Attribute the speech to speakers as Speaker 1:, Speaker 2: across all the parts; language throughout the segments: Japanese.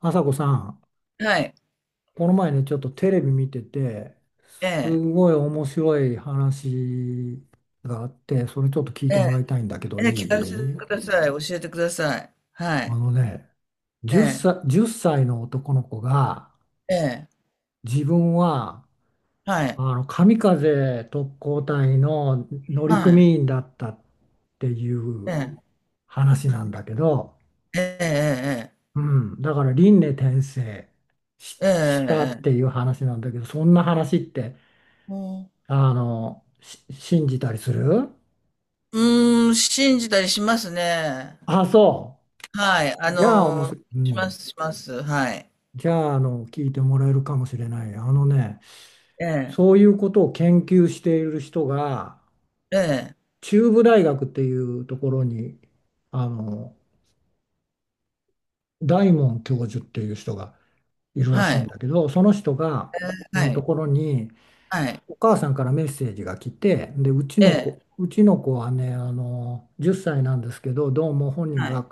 Speaker 1: 朝子さん、
Speaker 2: はい。
Speaker 1: この前ね、ちょっとテレビ見てて、
Speaker 2: え
Speaker 1: す
Speaker 2: え、
Speaker 1: ごい面白い話があって、それちょっと聞い
Speaker 2: え
Speaker 1: て
Speaker 2: え、
Speaker 1: もらいたいんだけど、
Speaker 2: え
Speaker 1: い
Speaker 2: え、聞かせて
Speaker 1: い
Speaker 2: ください。教えてください。は
Speaker 1: あ
Speaker 2: い。
Speaker 1: のね、
Speaker 2: え
Speaker 1: 10
Speaker 2: え、
Speaker 1: 歳、1歳の男の子が、
Speaker 2: ええ、
Speaker 1: 自分は、
Speaker 2: はい。
Speaker 1: 神風特攻隊の乗
Speaker 2: はい。
Speaker 1: 組員だったってい
Speaker 2: え
Speaker 1: う
Speaker 2: え、
Speaker 1: 話なんだけど、
Speaker 2: ええ、
Speaker 1: うん、だから輪廻転生し、
Speaker 2: ええ、
Speaker 1: し
Speaker 2: ええ、
Speaker 1: たっ
Speaker 2: え
Speaker 1: て
Speaker 2: え、
Speaker 1: いう話なんだけど、そんな話って、
Speaker 2: うん、
Speaker 1: 信じたりする。
Speaker 2: うーん、信じたりしますね。
Speaker 1: あ、そ
Speaker 2: はい。あ
Speaker 1: う。じゃあ、おも
Speaker 2: の、
Speaker 1: し、う
Speaker 2: しま
Speaker 1: ん。
Speaker 2: す、します。はい。
Speaker 1: じゃあ、聞いてもらえるかもしれない。あのね、
Speaker 2: ええ、
Speaker 1: そういうことを研究している人が、
Speaker 2: ええ、
Speaker 1: 中部大学っていうところに、あの、大門教授っていう人がいるら
Speaker 2: は
Speaker 1: しいん
Speaker 2: い。
Speaker 1: だけど、その人が、
Speaker 2: ええ、は
Speaker 1: のと
Speaker 2: い。
Speaker 1: ころに、
Speaker 2: はい。
Speaker 1: お母さんからメッセージが来て、で、
Speaker 2: ええ、
Speaker 1: うちの子はね、10歳なんですけど、どうも本人
Speaker 2: はい。
Speaker 1: が、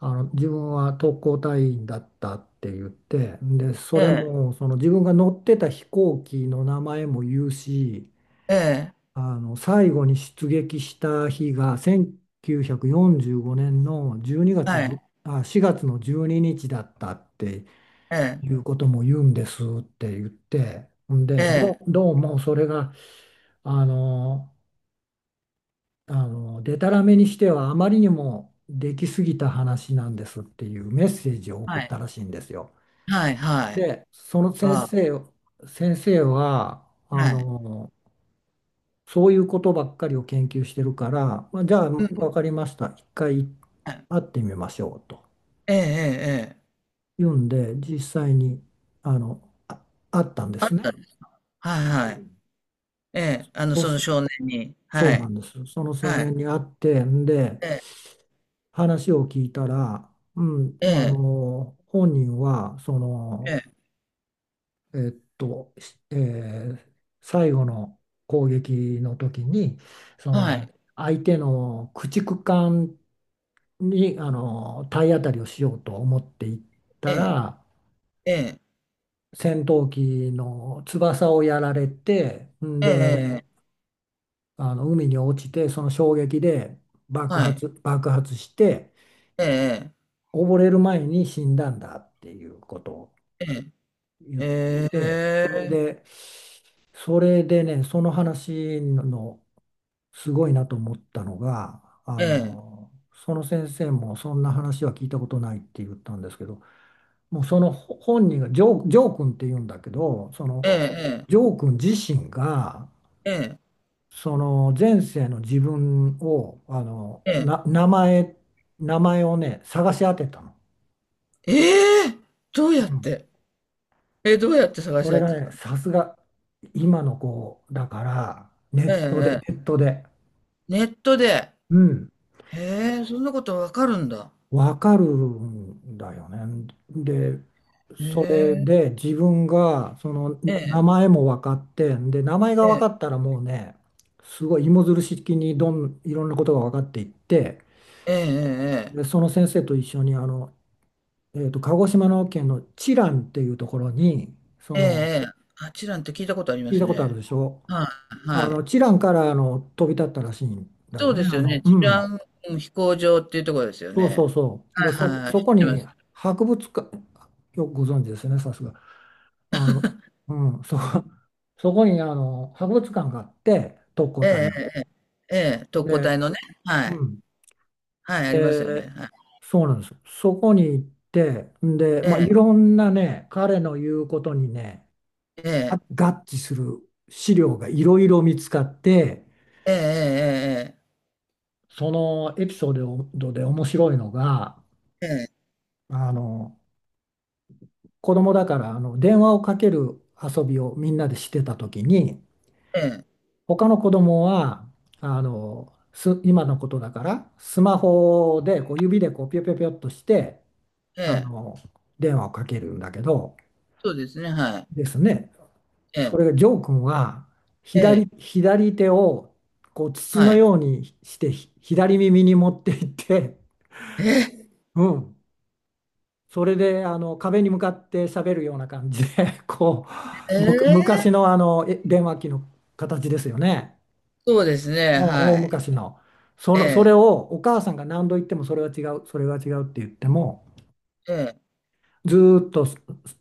Speaker 1: あの自分は特攻隊員だったって言って、でそ
Speaker 2: え
Speaker 1: れ
Speaker 2: え、
Speaker 1: もその自分が乗ってた飛行機の名前も言うし、
Speaker 2: ええ、
Speaker 1: あの最後に出撃した日が1945年の12
Speaker 2: は
Speaker 1: 月じ
Speaker 2: い。
Speaker 1: ゅあ4月の12日だったって
Speaker 2: ええ、
Speaker 1: いうことも言うんですって言って、ん
Speaker 2: え
Speaker 1: で
Speaker 2: え、
Speaker 1: どうもそれがあのあのでたらめにしてはあまりにもできすぎた話なんですっていうメッセージを送
Speaker 2: は
Speaker 1: った
Speaker 2: い。
Speaker 1: らしいんですよ。
Speaker 2: はい、はい。
Speaker 1: で、
Speaker 2: は、
Speaker 1: 先生は、
Speaker 2: はい。
Speaker 1: そういうことばっかりを研究してるから、まあ、じゃあ
Speaker 2: うん、
Speaker 1: 分かりました、一回
Speaker 2: はい。
Speaker 1: 会ってみましょうと
Speaker 2: ええ、ええ、ええ。
Speaker 1: 言うんで、実際にあの、あ、会ったんですね。
Speaker 2: はい
Speaker 1: う
Speaker 2: はい。
Speaker 1: ん。
Speaker 2: ええ、あの、
Speaker 1: そう
Speaker 2: その
Speaker 1: し、
Speaker 2: 少年に。
Speaker 1: そ
Speaker 2: は
Speaker 1: うな
Speaker 2: い。
Speaker 1: んです。その少
Speaker 2: はい。
Speaker 1: 年に会って、んで、
Speaker 2: ええ、
Speaker 1: 話を聞いたら、うん、
Speaker 2: え
Speaker 1: 本人は、そ
Speaker 2: え、え
Speaker 1: の、
Speaker 2: え、
Speaker 1: えっと、しえー最後の攻撃の時にそ
Speaker 2: は
Speaker 1: の
Speaker 2: い。
Speaker 1: 相手の駆逐艦にあの体当たりをしようと思っていった
Speaker 2: え
Speaker 1: ら、
Speaker 2: え、ええ、
Speaker 1: 戦闘機の翼をやられて、ん
Speaker 2: ええ、え
Speaker 1: で
Speaker 2: え、
Speaker 1: あの海に落ちてその衝撃で
Speaker 2: はい。
Speaker 1: 爆発して、
Speaker 2: ええ、
Speaker 1: 溺れる前に死んだんだっていうことを
Speaker 2: え
Speaker 1: 言っ
Speaker 2: え、え
Speaker 1: て、ん
Speaker 2: え、
Speaker 1: でそれでね、その話のすごいなと思ったのが、
Speaker 2: ええ、
Speaker 1: その先生もそんな話は聞いたことないって言ったんですけど、もうそのほ本人が、ジョー君って言うんだけど、そ
Speaker 2: え
Speaker 1: の
Speaker 2: え、
Speaker 1: ジョー君自身が、
Speaker 2: ええ、
Speaker 1: その前世の自分を、
Speaker 2: ええ、
Speaker 1: 名前、名前をね、探し当てたの。
Speaker 2: ええ、どう
Speaker 1: う
Speaker 2: やっ
Speaker 1: ん、
Speaker 2: て、え、どうやって探
Speaker 1: そ
Speaker 2: し合
Speaker 1: れ
Speaker 2: っ
Speaker 1: が
Speaker 2: てた
Speaker 1: ね、
Speaker 2: の？
Speaker 1: さすが今の子だから、
Speaker 2: ええ、え
Speaker 1: ネ
Speaker 2: え、
Speaker 1: ットで。
Speaker 2: ネットで。
Speaker 1: うん。
Speaker 2: へえ、そんなことわかるんだ。
Speaker 1: わかるんだよね。で、
Speaker 2: へ
Speaker 1: それ
Speaker 2: え、
Speaker 1: で自分がその
Speaker 2: え
Speaker 1: 名
Speaker 2: え、
Speaker 1: 前も分かって、で、名前が
Speaker 2: え
Speaker 1: 分か
Speaker 2: え、
Speaker 1: ったらもうね、すごい芋づる式にいろんなことが分かっていって、
Speaker 2: え
Speaker 1: で、
Speaker 2: え、
Speaker 1: その先生と一緒に鹿児島の県の知覧っていうところに、そ
Speaker 2: ええ、え
Speaker 1: の、
Speaker 2: え、ええ、あちらんって聞いたことありま
Speaker 1: 聞い
Speaker 2: す
Speaker 1: たことある
Speaker 2: ね。
Speaker 1: でしょ。
Speaker 2: はい、はい。
Speaker 1: 知覧からあの飛び立ったらしいんだよ
Speaker 2: そう
Speaker 1: ね。
Speaker 2: です
Speaker 1: あ
Speaker 2: よ
Speaker 1: の、
Speaker 2: ね。
Speaker 1: う
Speaker 2: 治
Speaker 1: ん。
Speaker 2: 安、うん、飛行場っていうところですよ
Speaker 1: そうそ
Speaker 2: ね。
Speaker 1: うそう。で、
Speaker 2: はいはいはい、
Speaker 1: そ
Speaker 2: 知
Speaker 1: こ
Speaker 2: ってま
Speaker 1: に
Speaker 2: す。
Speaker 1: 博物館、よくご存知ですね、さすが。あの、うん、そ、そこにあの博物館があって、特攻
Speaker 2: え
Speaker 1: 隊の。
Speaker 2: え、ええ、ええ、特攻隊
Speaker 1: で、
Speaker 2: のね。は
Speaker 1: う
Speaker 2: い。
Speaker 1: ん、
Speaker 2: はい、ありますよね。
Speaker 1: で、
Speaker 2: はい。
Speaker 1: そうなんです。そこに行って、んで、
Speaker 2: え
Speaker 1: まあ、い
Speaker 2: え、
Speaker 1: ろんなね、彼の言うことにね、
Speaker 2: ええ、
Speaker 1: 合致する資料がいろいろ見つかって、
Speaker 2: ええ、
Speaker 1: そのエピソードで面白いのが、
Speaker 2: え
Speaker 1: あの、子供だからあの電話をかける遊びをみんなでしてた時に、
Speaker 2: え、ええ、え
Speaker 1: 他の子供はあのす今のことだからスマホでこう指でこうピョピョピョっとして
Speaker 2: え、ええ、
Speaker 1: あ
Speaker 2: ええ、
Speaker 1: の電話をかけるんだけど、
Speaker 2: そうですね、はい。
Speaker 1: ですね、
Speaker 2: え
Speaker 1: そ
Speaker 2: え、
Speaker 1: れがジョー君は
Speaker 2: ええ、
Speaker 1: 左手をこう筒
Speaker 2: は
Speaker 1: の
Speaker 2: い。
Speaker 1: ようにして左耳に持っていって、
Speaker 2: ええ、
Speaker 1: うん、それであの壁に向かって喋るような感じでこ
Speaker 2: え
Speaker 1: うむ昔
Speaker 2: え、
Speaker 1: の、あのえ電話機の形ですよね。
Speaker 2: そうですね、
Speaker 1: もう大
Speaker 2: はい。
Speaker 1: 昔の。そ
Speaker 2: え
Speaker 1: の、そ
Speaker 2: え、
Speaker 1: れをお母さんが何度言ってもそれは違う、それは違うって言っても、
Speaker 2: ええ、
Speaker 1: ずーっとそ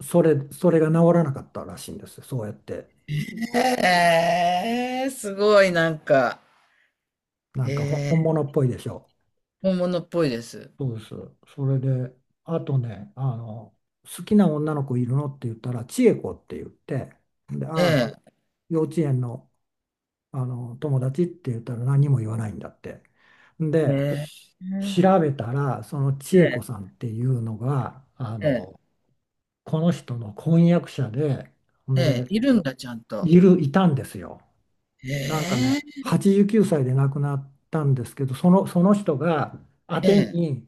Speaker 1: それ、それが治らなかったらしいんです。そうやって。
Speaker 2: ええ、すごいなんか、
Speaker 1: な
Speaker 2: え
Speaker 1: んか本
Speaker 2: え、
Speaker 1: 物っぽいでしょう。
Speaker 2: 本物っぽいです。
Speaker 1: そうです。それで、あとね、好きな女の子いるのって言ったら、千恵子って言って、で、
Speaker 2: え
Speaker 1: ああ、
Speaker 2: え、
Speaker 1: 幼稚園の、あの友達って言ったら何も言わないんだって。
Speaker 2: え
Speaker 1: で、
Speaker 2: え、
Speaker 1: 調べたら、その千恵子
Speaker 2: え
Speaker 1: さ
Speaker 2: え、
Speaker 1: んっていうのが、
Speaker 2: ええ。
Speaker 1: この人の婚約者で、ほん
Speaker 2: ええ、
Speaker 1: で、
Speaker 2: いるんだ、ちゃんと。
Speaker 1: いたんですよ。なんかね、
Speaker 2: ええ、
Speaker 1: 89歳で亡くなったんですけど、その、その人が宛
Speaker 2: え
Speaker 1: て
Speaker 2: え、
Speaker 1: に、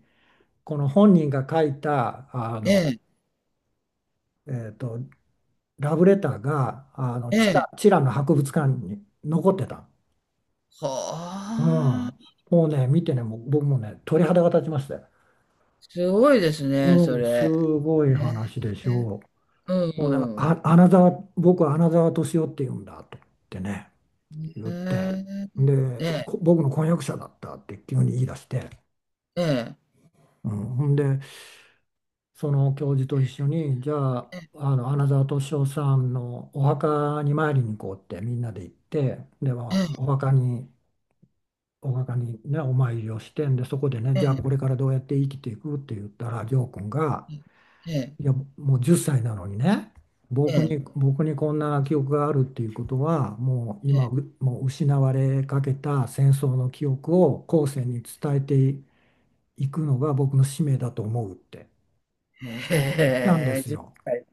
Speaker 1: この本人が書いた、
Speaker 2: ええ、
Speaker 1: えーと、ラブレターが、
Speaker 2: ええ。
Speaker 1: チラの博物館に残ってた。う
Speaker 2: は
Speaker 1: ん。
Speaker 2: あ、
Speaker 1: もうね、見てね、もう僕もね、鳥肌が立ちましたよ。
Speaker 2: すごいですね、そ
Speaker 1: うん、す
Speaker 2: れ。
Speaker 1: ご
Speaker 2: え
Speaker 1: い話で
Speaker 2: え、
Speaker 1: し
Speaker 2: え、
Speaker 1: ょう。も
Speaker 2: う
Speaker 1: うね、
Speaker 2: ん、
Speaker 1: あ、アナザー、僕はアナザー敏夫って言うんだと思ってね。言って、
Speaker 2: え
Speaker 1: で、
Speaker 2: え。
Speaker 1: 僕の婚約者だったって急に言い出して、
Speaker 2: ええ、
Speaker 1: うん、ほんで、その教授と一緒に、じゃあ、あの穴沢敏夫さんのお墓に参りに行こうってみんなで行って、で、ま
Speaker 2: え
Speaker 1: あ、
Speaker 2: え、
Speaker 1: お墓にね、お参りをして、んで、そこでね、
Speaker 2: え
Speaker 1: じゃあ
Speaker 2: え、
Speaker 1: これからどうやって生きていくって言ったら、ジョー君が、
Speaker 2: ええ、
Speaker 1: いや、もう10歳なのにね、
Speaker 2: ええ、
Speaker 1: 僕にこんな記憶があるっていうことは、
Speaker 2: ええ、ええ、
Speaker 1: もう失われかけた戦争の記憶を後世に伝えていくのが僕の使命だと思うって言ったんで
Speaker 2: へえ。
Speaker 1: す
Speaker 2: じゅっ
Speaker 1: よ。
Speaker 2: さい、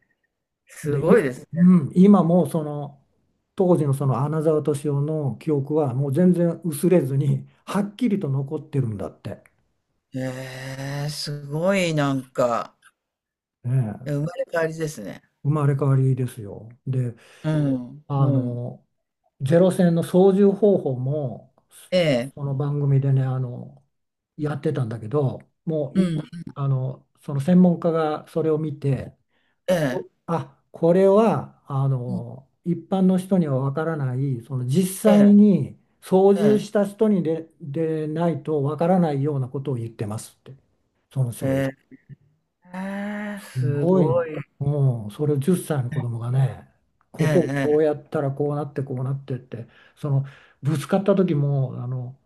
Speaker 2: す
Speaker 1: で、
Speaker 2: ごいですね。
Speaker 1: うん、今もその当時のその穴沢敏夫の記憶はもう全然薄れずにはっきりと残ってるんだって、
Speaker 2: へえ、すごいなんか、え、
Speaker 1: え
Speaker 2: 生ま
Speaker 1: え、
Speaker 2: れ変わりですね。
Speaker 1: 生まれ変わりですよ。で
Speaker 2: うん、
Speaker 1: あ
Speaker 2: うん。
Speaker 1: の、ゼロ戦の操縦方法も、
Speaker 2: ええ、
Speaker 1: この番組でね、やってたんだけど、もう
Speaker 2: う
Speaker 1: い、
Speaker 2: ん、
Speaker 1: あの、その専門家がそれを見て、
Speaker 2: ええ、
Speaker 1: これは、
Speaker 2: うん、
Speaker 1: 一般の人にはわからない、その実
Speaker 2: え
Speaker 1: 際
Speaker 2: え、
Speaker 1: に操縦
Speaker 2: え
Speaker 1: した人にでないとわからないようなことを言ってますって、その
Speaker 2: え、
Speaker 1: 人
Speaker 2: へ
Speaker 1: が
Speaker 2: え。ええ、
Speaker 1: す
Speaker 2: す
Speaker 1: ごい、
Speaker 2: ごい。
Speaker 1: うん、それを10歳の子供がね、
Speaker 2: ええ、
Speaker 1: ここを
Speaker 2: え
Speaker 1: こうや
Speaker 2: え。
Speaker 1: ったらこうなってこうなってって、そのぶつかった時もあの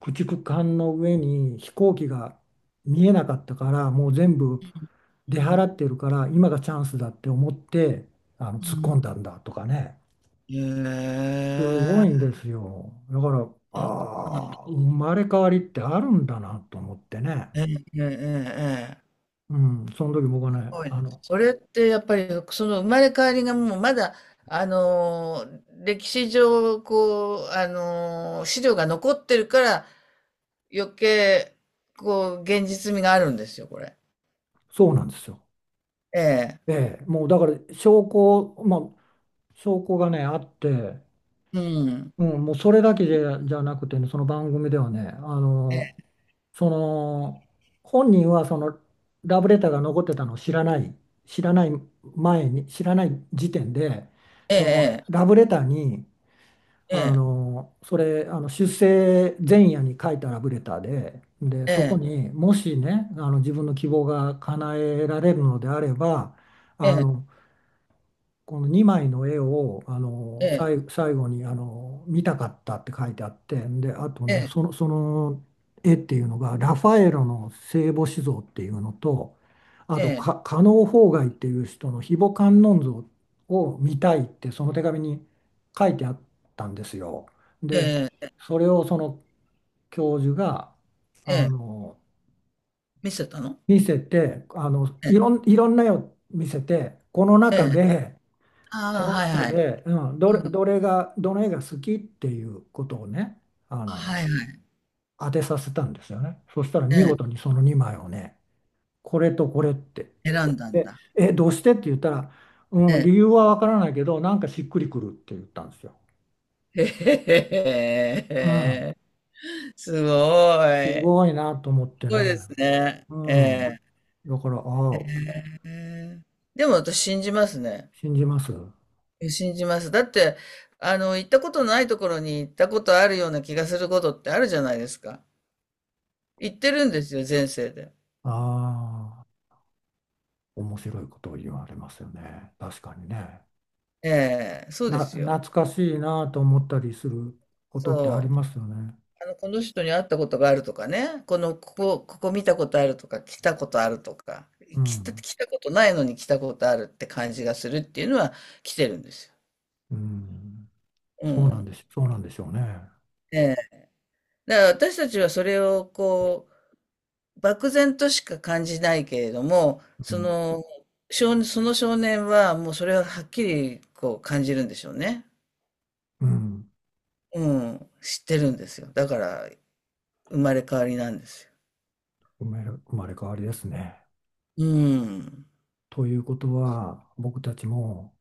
Speaker 1: 駆逐艦の上に飛行機が見えなかったからもう全部
Speaker 2: う
Speaker 1: 出払
Speaker 2: ん、
Speaker 1: ってるから今がチャンスだって思ってあの
Speaker 2: う
Speaker 1: 突っ込んだ
Speaker 2: ん。
Speaker 1: んだとかね、すごいんですよ。だから、ああ、生まれ変わりってあるんだなと思ってね、
Speaker 2: ええ、ええ、ええ、ええ、
Speaker 1: うん、その時僕は
Speaker 2: す
Speaker 1: ね、
Speaker 2: ごいな。それってやっぱり、その生まれ変わりがもうまだ、あの、歴史上、こう、あの、資料が残ってるから、余計、こう、現実味があるんですよ、これ。
Speaker 1: そうなんですよ。
Speaker 2: ええ。
Speaker 1: ええ、もうだから証拠、まあ、証拠がね、あって、
Speaker 2: うん。
Speaker 1: うん、もうそれだけじゃ、じゃなくてね、その番組ではね、
Speaker 2: え
Speaker 1: その、本人はそのラブレターが残ってたのを知らない前に、知らない時点で、その
Speaker 2: え、
Speaker 1: ラブレターに、あ
Speaker 2: え
Speaker 1: の、それ、あの出生前夜に書いたラブレターで、で、そこ
Speaker 2: え、
Speaker 1: にもしね、あの自分の希望が叶えられるのであれば、あ
Speaker 2: ええ、
Speaker 1: のこの2枚の絵をあの
Speaker 2: え
Speaker 1: 最後にあの見たかったって書いてあって、であとね
Speaker 2: え、
Speaker 1: その、その絵っていうのがラファエロの聖母子像っていうのと、あと
Speaker 2: え
Speaker 1: か
Speaker 2: え、
Speaker 1: 加納芳崖っていう人の非母観音像を見たいってその手紙に書いてあったんですよ。
Speaker 2: ええ、ええ、
Speaker 1: で
Speaker 2: ええ、ええ、
Speaker 1: それをその教授があ
Speaker 2: ええ、
Speaker 1: の
Speaker 2: 見せたの？
Speaker 1: 見せて、
Speaker 2: ええ、
Speaker 1: いろんな絵を見せてこの
Speaker 2: え
Speaker 1: 中
Speaker 2: え、
Speaker 1: で。
Speaker 2: あ
Speaker 1: こ
Speaker 2: あ、
Speaker 1: の
Speaker 2: はい
Speaker 1: 中
Speaker 2: はい。
Speaker 1: で、うん、
Speaker 2: うん。
Speaker 1: どの絵が好きっていうことをね、あの、
Speaker 2: はいはい。
Speaker 1: 当てさせたんですよね。そしたら見
Speaker 2: え
Speaker 1: 事にその2枚をね、これとこれって。
Speaker 2: え、選んだん
Speaker 1: で、
Speaker 2: だ。
Speaker 1: どうしてって言ったら、
Speaker 2: え
Speaker 1: うん、理由
Speaker 2: え。
Speaker 1: はわからないけど、なんかしっくりくるって言ったんですよ。
Speaker 2: へへ、へ
Speaker 1: うん、
Speaker 2: へへ。すご
Speaker 1: す
Speaker 2: い。
Speaker 1: ごいなと思っ
Speaker 2: す
Speaker 1: て
Speaker 2: ごいで
Speaker 1: ね。
Speaker 2: すね。
Speaker 1: う
Speaker 2: え
Speaker 1: ん。
Speaker 2: え。
Speaker 1: だから、ああ、
Speaker 2: へえ。でも私信じますね。
Speaker 1: 信じます。あ
Speaker 2: え、信じます。だって、あの、行ったことないところに行ったことあるような気がすることってあるじゃないですか。行ってるんですよ、前世で。
Speaker 1: あ、面白いことを言われますよね。確かにね。
Speaker 2: ええ、そうです
Speaker 1: 懐
Speaker 2: よ。
Speaker 1: かしいなと思ったりすることってあり
Speaker 2: そう。
Speaker 1: ますよね。
Speaker 2: あの、この人に会ったことがあるとかね、この、ここ、ここ見たことあるとか、来たことあるとか、
Speaker 1: う
Speaker 2: 来た、
Speaker 1: ん。
Speaker 2: 来たことないのに来たことあるって感じがするっていうのは来てるんですよ。
Speaker 1: うん。
Speaker 2: うん。
Speaker 1: そうなんでしょうね。
Speaker 2: ええ。だから私たちはそれをこう、漠然としか感じないけれども、
Speaker 1: う
Speaker 2: そ
Speaker 1: ん。
Speaker 2: の少、その少年はもうそれははっきりこう感じるんでしょうね。
Speaker 1: うん。
Speaker 2: うん。知ってるんですよ。だから生まれ変わりなんですよ。
Speaker 1: 生まれ、生まれ変わりですね。
Speaker 2: うん。
Speaker 1: ということは、僕たちも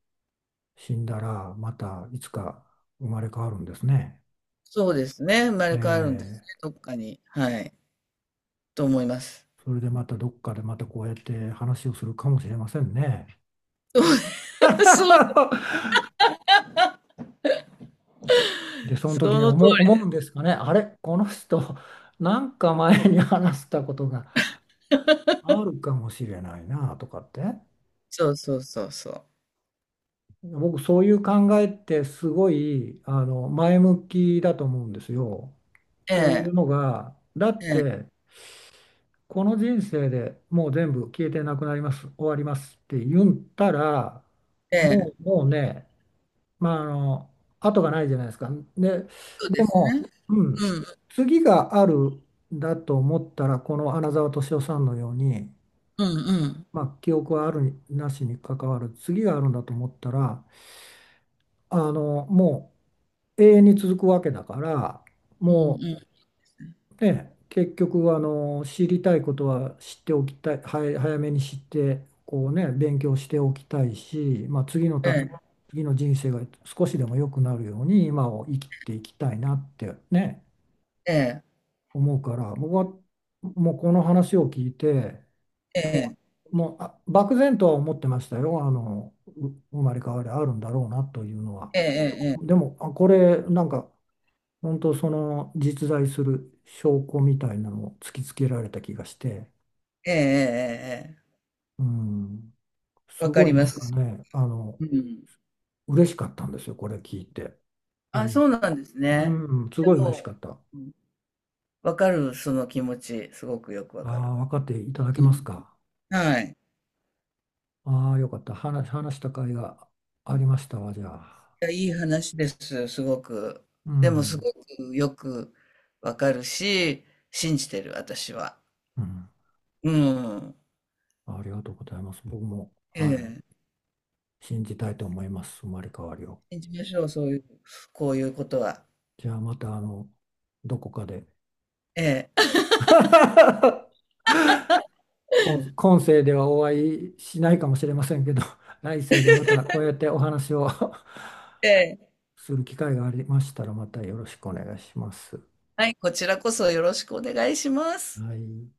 Speaker 1: 死んだら、またいつか生まれ変わるんですね。
Speaker 2: そうですね、生ま
Speaker 1: え
Speaker 2: れ変わるんですね、
Speaker 1: え。
Speaker 2: どっかに。はい。と思います。
Speaker 1: それでまたどっかでまたこうやって話をするかもしれませんね。
Speaker 2: そう、
Speaker 1: で、その
Speaker 2: そ
Speaker 1: 時に
Speaker 2: の通
Speaker 1: 思う、
Speaker 2: り。
Speaker 1: 思うんですかね。あれ、この人、なんか前に話したことがあるかもしれないなとかって。
Speaker 2: そうそうそうそう。
Speaker 1: 僕そういう考えってすごい前向きだと思うんですよ。
Speaker 2: え
Speaker 1: というの
Speaker 2: え、
Speaker 1: がだ
Speaker 2: え
Speaker 1: っ
Speaker 2: え、
Speaker 1: てこの人生でもう全部消えてなくなります終わりますって言ったら
Speaker 2: え
Speaker 1: もう、
Speaker 2: え、
Speaker 1: もうね、まあ、後がないじゃないですか。で、
Speaker 2: そう
Speaker 1: で
Speaker 2: ですね。
Speaker 1: も、うん、
Speaker 2: うん、
Speaker 1: 次があるんだと思ったらこの穴澤敏夫さんのように、
Speaker 2: うん、うん、
Speaker 1: まあ、記憶はあるになしに関わる次があるんだと思ったらもう永遠に続くわけだから、
Speaker 2: うん、う
Speaker 1: も
Speaker 2: ん、
Speaker 1: うね、結局知りたいことは知っておきたい、はい、早めに知ってこうね、勉強しておきたいし、まあ、次の
Speaker 2: え
Speaker 1: ため、
Speaker 2: え、
Speaker 1: 次の人生が少しでも良くなるように今を生きていきたいなってね、
Speaker 2: ええ、
Speaker 1: 思うから、僕はもうこの話を聞いても
Speaker 2: え
Speaker 1: もう漠然とは思ってましたよ、あのう生まれ変わりあるんだろうなというのは。
Speaker 2: え、
Speaker 1: で
Speaker 2: え
Speaker 1: も、で
Speaker 2: え、
Speaker 1: もあこれなんか本当その実在する証拠みたいなのを突きつけられた気がして、
Speaker 2: ええ、ええ、ええ、ええ、ええ、
Speaker 1: うん、す
Speaker 2: わか
Speaker 1: ごい
Speaker 2: りま
Speaker 1: なんか
Speaker 2: す。
Speaker 1: ね、
Speaker 2: うん。
Speaker 1: 嬉しかったんですよ、これ聞いて。う
Speaker 2: あ、
Speaker 1: ん、
Speaker 2: そうなんですね。
Speaker 1: うんすごい
Speaker 2: で
Speaker 1: 嬉しか
Speaker 2: も、
Speaker 1: った。あ
Speaker 2: うん、わかる、その気持ち、すごくよくわか
Speaker 1: あ、
Speaker 2: る。
Speaker 1: 分かっていただけ
Speaker 2: う
Speaker 1: ます
Speaker 2: ん。
Speaker 1: か。
Speaker 2: はい。
Speaker 1: ああ、よかった。話した甲斐がありましたわ、じゃあ。
Speaker 2: いや、いい話です、すごく。
Speaker 1: う
Speaker 2: でも、す
Speaker 1: ん、
Speaker 2: ごくよくわかるし、信じてる、私は。
Speaker 1: うん、
Speaker 2: うん。
Speaker 1: ありがとうございます。僕も、
Speaker 2: え
Speaker 1: は
Speaker 2: え。
Speaker 1: い、信じたいと思います、生まれ変わりを。
Speaker 2: 信じましょう、そういう、こういうことは。
Speaker 1: じゃあ、また、どこかで。
Speaker 2: ええ。
Speaker 1: 今世ではお会いしないかもしれませんけど、来世でまたこうやってお話を
Speaker 2: ええ。
Speaker 1: する機会がありましたら、またよろしくお願いします。
Speaker 2: はい、こちらこそよろしくお願いします。
Speaker 1: はい。